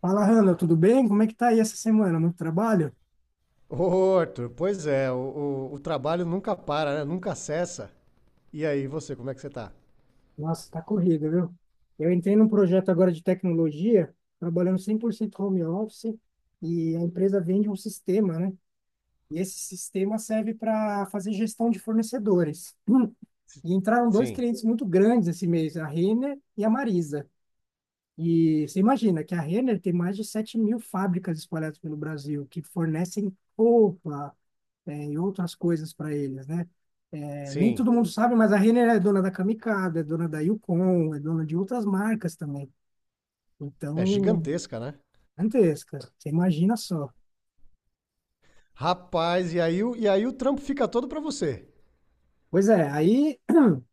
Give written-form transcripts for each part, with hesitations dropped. Fala, Hanna, tudo bem? Como é que tá aí essa semana? Muito trabalho? Ô, Arthur, pois é, o trabalho nunca para, né? Nunca cessa. E aí, você, como é que você tá? Nossa, tá corrido, viu? Eu entrei num projeto agora de tecnologia, trabalhando 100% home office, e a empresa vende um sistema, né? E esse sistema serve para fazer gestão de fornecedores. Hum. E entraram dois Sim, clientes muito grandes esse mês, a Renner e a Marisa. E você imagina que a Renner tem mais de 7 mil fábricas espalhadas pelo Brasil, que fornecem roupa, é, e outras coisas para eles, né? É, nem sim. todo mundo sabe, mas a Renner é dona da Kamikaze, é dona da Yukon, é dona de outras marcas também. É Então, gigantesca, né? gigantesca. Você imagina só. Rapaz, e aí, o trampo fica todo pra você. Pois é, aí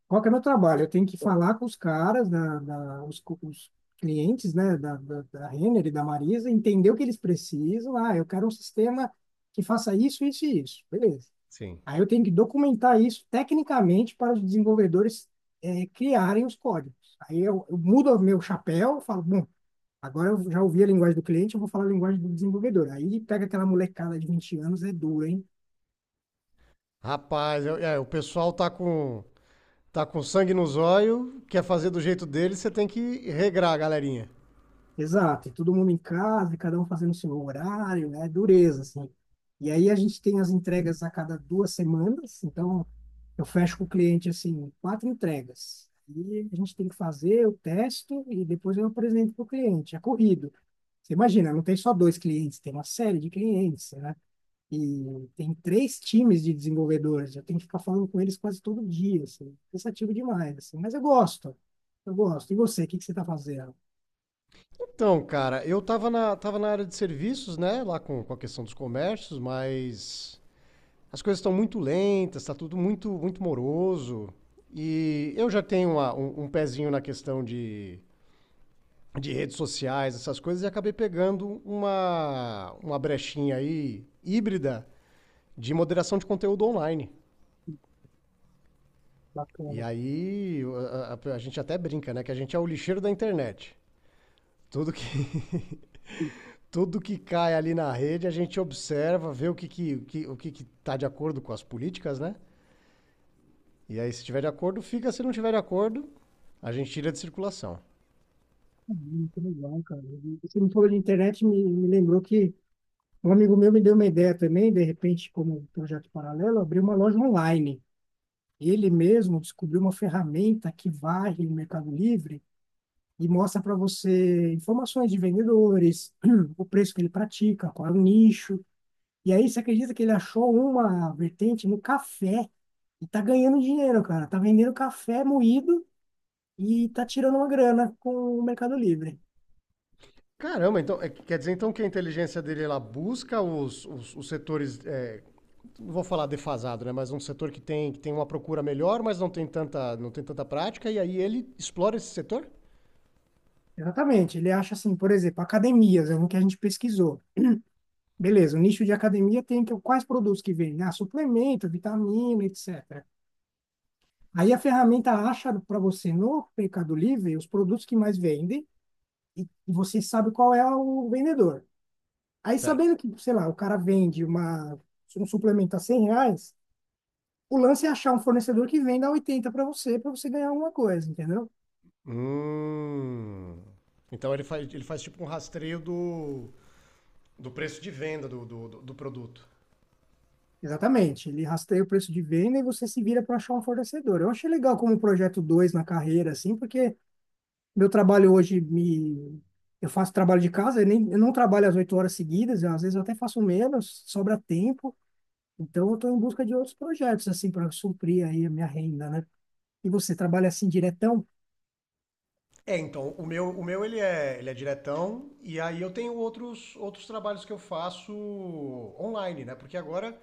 qual que é o meu trabalho? Eu tenho que falar com os caras, os clientes, né, da Renner e da Marisa, entender o que eles precisam. Ah, eu quero um sistema que faça isso, isso e isso. Beleza. Sim. Aí eu tenho que documentar isso tecnicamente para os desenvolvedores criarem os códigos. Aí eu mudo o meu chapéu, falo, bom, agora eu já ouvi a linguagem do cliente, eu vou falar a linguagem do desenvolvedor. Aí pega aquela molecada de 20 anos, é duro, hein? Rapaz, o pessoal tá com sangue nos olhos, quer fazer do jeito dele, você tem que regrar a galerinha. Exato, e todo mundo em casa, e cada um fazendo o seu horário, né? Dureza, assim. E aí a gente tem as entregas a cada 2 semanas, então eu fecho com o cliente, assim, quatro entregas. E a gente tem que fazer, eu testo e depois eu apresento para o cliente. É corrido. Você imagina, não tem só dois clientes, tem uma série de clientes, né? E tem três times de desenvolvedores, eu tenho que ficar falando com eles quase todo dia, assim, cansativo demais, assim, mas eu gosto, eu gosto. E você, o que que você está fazendo? Então, cara, eu tava tava na área de serviços, né? Lá com a questão dos comércios, mas as coisas estão muito lentas, está tudo muito, muito moroso. E eu já tenho um pezinho na questão de redes sociais, essas coisas, e acabei pegando uma brechinha aí híbrida de moderação de conteúdo online. E Bacana. aí a gente até brinca, né? Que a gente é o lixeiro da internet. Tudo que, tudo que cai ali na rede, a gente observa, vê o que que tá de acordo com as políticas, né? E aí, se tiver de acordo, fica. Se não tiver de acordo, a gente tira de circulação. Muito legal, cara. E você me falou de internet, me lembrou que um amigo meu me deu uma ideia também, de repente, como um projeto paralelo, abriu uma loja online. Ele mesmo descobriu uma ferramenta que varre o Mercado Livre e mostra para você informações de vendedores, o preço que ele pratica, qual é o nicho. E aí você acredita que ele achou uma vertente no café e tá ganhando dinheiro, cara. Tá vendendo café moído e tá tirando uma grana com o Mercado Livre. Caramba, então é, quer dizer então que a inteligência dele ela busca os setores, é, não vou falar defasado, né? Mas um setor que tem uma procura melhor, mas não tem tanta, não tem tanta prática, e aí ele explora esse setor? Exatamente. Ele acha assim, por exemplo, academias, é um que a gente pesquisou. Beleza, o nicho de academia tem que, quais produtos que vendem? Ah, suplemento, vitamina, etc. Aí a ferramenta acha para você no Mercado Livre os produtos que mais vendem e e você sabe qual é o vendedor. Aí, Certo. sabendo que, sei lá, o cara vende uma, um suplemento a 100 reais, o lance é achar um fornecedor que venda a 80 para você ganhar alguma coisa, entendeu? Hum. Então ele faz tipo um rastreio do preço de venda do produto. Exatamente. Ele rasteia o preço de venda e você se vira para achar um fornecedor. Eu achei legal como projeto 2 na carreira, assim, porque meu trabalho hoje me. Eu faço trabalho de casa, eu, nem, eu não trabalho às 8 horas seguidas, às vezes eu até faço menos, sobra tempo. Então, eu estou em busca de outros projetos, assim, para suprir aí a minha renda, né? E você trabalha assim diretão? É, então, o meu ele é diretão, e aí eu tenho outros, outros trabalhos que eu faço online, né? Porque agora,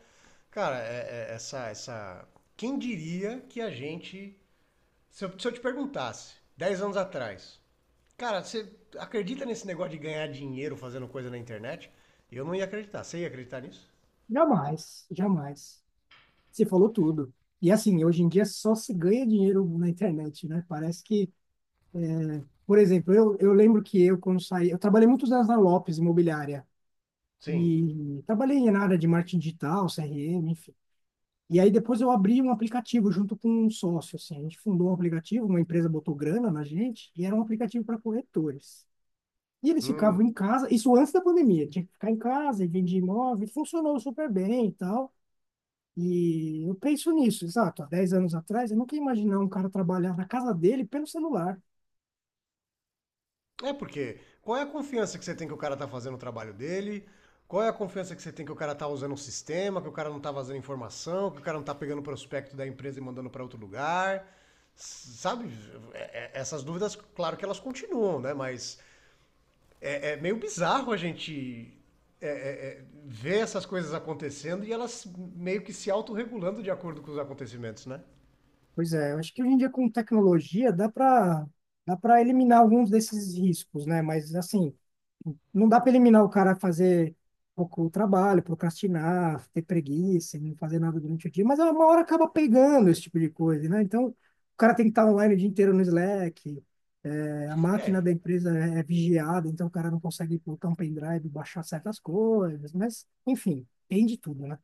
cara, essa. Quem diria que a gente. Se eu te perguntasse, 10 anos atrás, cara, você acredita nesse negócio de ganhar dinheiro fazendo coisa na internet? Eu não ia acreditar. Você ia acreditar nisso? Jamais, jamais. Você falou tudo. E assim, hoje em dia só se ganha dinheiro na internet, né? Parece que, por exemplo, eu lembro que eu, quando saí, eu trabalhei muitos anos na Lopes Imobiliária Sim. e trabalhei na área de marketing digital, CRM, enfim. E aí depois eu abri um aplicativo junto com um sócio, assim. A gente fundou um aplicativo, uma empresa botou grana na gente e era um aplicativo para corretores. E eles ficavam Hum. em casa, isso antes da pandemia, tinha que ficar em casa e vender imóvel, e funcionou super bem e tal. E eu penso nisso, exato. Há 10 anos atrás, eu nunca ia imaginar um cara trabalhar na casa dele pelo celular. É porque qual é a confiança que você tem que o cara tá fazendo o trabalho dele? Qual é a confiança que você tem que o cara tá usando um sistema, que o cara não tá vazando informação, que o cara não tá pegando o prospecto da empresa e mandando para outro lugar? Sabe, essas dúvidas, claro que elas continuam, né? Mas é, é meio bizarro a gente ver essas coisas acontecendo e elas meio que se autorregulando de acordo com os acontecimentos, né? Pois é, eu acho que hoje em dia com tecnologia dá para eliminar alguns desses riscos, né? Mas assim, não dá para eliminar o cara a fazer pouco trabalho, procrastinar, ter preguiça, e não fazer nada durante o dia, mas é uma hora acaba pegando esse tipo de coisa, né? Então, o cara tem que estar online o dia inteiro no Slack, é, a máquina É, da empresa é vigiada, então o cara não consegue botar um pendrive e baixar certas coisas, mas, enfim, tem de tudo, né?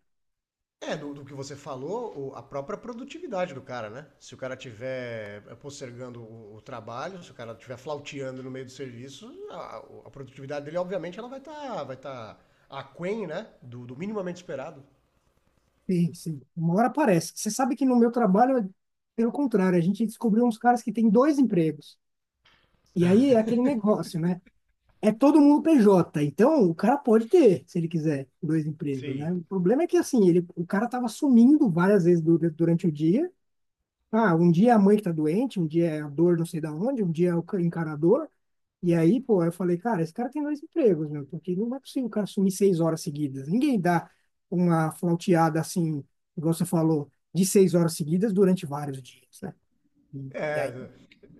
é, do que você falou, a própria produtividade do cara, né? Se o cara tiver postergando o trabalho, se o cara tiver flauteando no meio do serviço, a produtividade dele, obviamente, ela vai tá aquém, né? Do minimamente esperado. Sim, sim. Uma hora aparece. Você sabe que no meu trabalho, é pelo contrário, a gente descobriu uns caras que têm dois empregos. E aí é aquele negócio, né? É todo mundo PJ, então o cara pode ter, se ele quiser, dois empregos, Sim. né? O problema é que, assim, ele, o cara tava sumindo várias vezes durante o dia. Ah, um dia é a mãe que tá doente, um dia é a dor não sei da onde, um dia é o encanador. E aí, pô, eu falei, cara, esse cara tem dois empregos, meu, porque não é possível o cara sumir 6 horas seguidas. Ninguém dá uma flauteada assim, igual você falou, de 6 horas seguidas durante vários dias, né? E É, aí,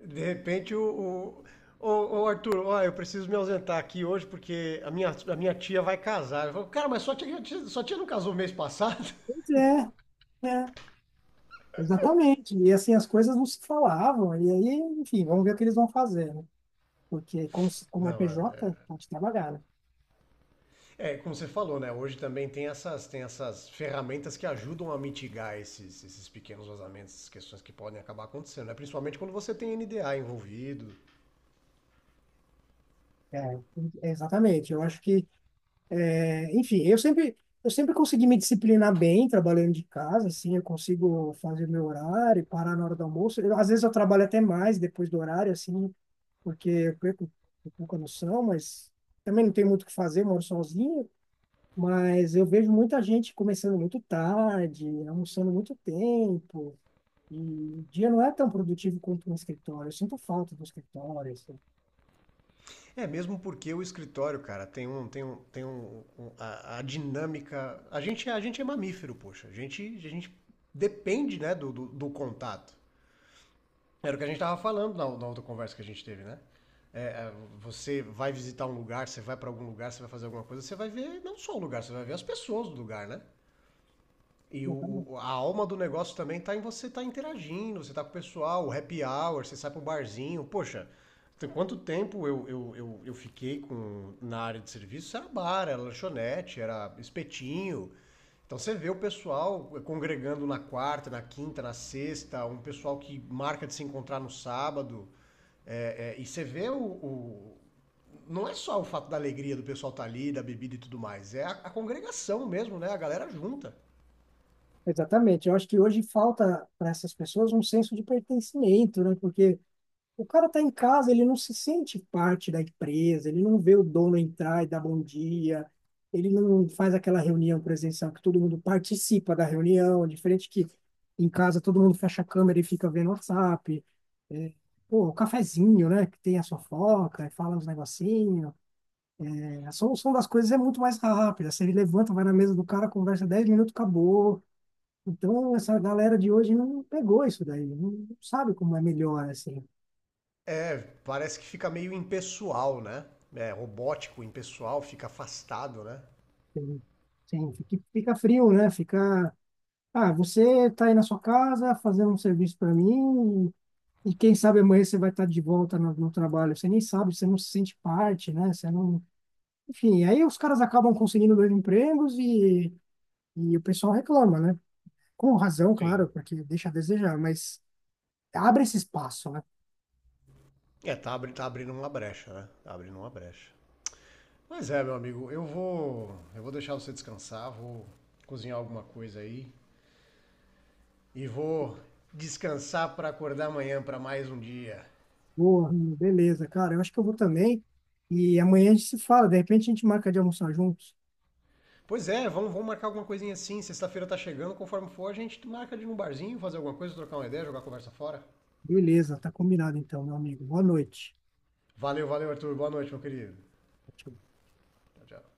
de repente o Arthur, ó, eu preciso me ausentar aqui hoje porque a minha tia vai casar. Eu falo, cara, mas sua tia não casou mês passado? pois é, é. Exatamente. E assim, as coisas não se falavam. E aí, enfim, vamos ver o que eles vão fazer, né? Porque como, como é Não, PJ, é, pode trabalhar, né? é, como você falou, né? Hoje também tem essas ferramentas que ajudam a mitigar esses, esses pequenos vazamentos, essas questões que podem acabar acontecendo, né? Principalmente quando você tem NDA envolvido. É, é, exatamente. Eu acho que, é, enfim, eu sempre consegui me disciplinar bem trabalhando de casa, assim, eu consigo fazer meu horário, parar na hora do almoço. Eu, às vezes eu trabalho até mais depois do horário, assim, porque eu perco um pouco a noção, mas também não tenho muito o que fazer, moro sozinho. Mas eu vejo muita gente começando muito tarde, almoçando muito tempo. E o dia não é tão produtivo quanto no escritório. Eu sinto falta do escritório, assim. É, mesmo porque o escritório, cara, tem um. Tem um, tem um, a dinâmica. A gente, a gente é mamífero, poxa. A gente depende, né, do contato. Era o que a gente tava falando na outra conversa que a gente teve, né? É, é, você vai visitar um lugar, você vai para algum lugar, você vai fazer alguma coisa, você vai ver não só o lugar, você vai ver as pessoas do lugar, né? E Exatamente. A alma do negócio também tá em você tá interagindo, você tá com o pessoal, o happy hour, você sai pro barzinho. Poxa, tem quanto tempo eu fiquei com, na área de serviço? Era bar, era lanchonete, era espetinho. Então você vê o pessoal congregando na quarta, na quinta, na sexta, um pessoal que marca de se encontrar no sábado. É, é, e você vê Não é só o fato da alegria do pessoal estar ali, da bebida e tudo mais, é a congregação mesmo, né? A galera junta. Exatamente. Eu acho que hoje falta para essas pessoas um senso de pertencimento, né? Porque o cara está em casa, ele não se sente parte da empresa, ele não vê o dono entrar e dar bom dia, ele não faz aquela reunião presencial que todo mundo participa da reunião, diferente que em casa todo mundo fecha a câmera e fica vendo WhatsApp. É, pô, o cafezinho, né? Que tem a fofoca, e fala uns negocinhos. A solução das coisas é muito mais rápida. Você levanta, vai na mesa do cara, conversa 10 minutos, acabou. Então, essa galera de hoje não pegou isso daí, não sabe como é melhor, assim. É, parece que fica meio impessoal, né? É robótico, impessoal, fica afastado, né? Sim, fica, fica frio, né? Fica. Ah, você tá aí na sua casa fazendo um serviço para mim, e quem sabe amanhã você vai estar de volta no trabalho. Você nem sabe, você não se sente parte, né? Você não. Enfim, aí os caras acabam conseguindo dois empregos e o pessoal reclama, né? Com razão, Sim. claro, porque deixa a desejar, mas abre esse espaço, né? É, tá, tá abrindo uma brecha, né? Tá abrindo uma brecha. Mas é, meu amigo, eu vou deixar você descansar, vou cozinhar alguma coisa aí e vou descansar pra acordar amanhã pra mais um dia. Boa, Rami, beleza, cara. Eu acho que eu vou também. E amanhã a gente se fala. De repente a gente marca de almoçar juntos. Pois é, vamos, vamos marcar alguma coisinha assim. Sexta-feira tá chegando, conforme for, a gente marca de ir num barzinho, fazer alguma coisa, trocar uma ideia, jogar a conversa fora. Beleza, tá combinado então, meu amigo. Boa noite. Valeu, valeu, Arthur. Boa noite, meu querido. Tchau. Tchau, tchau.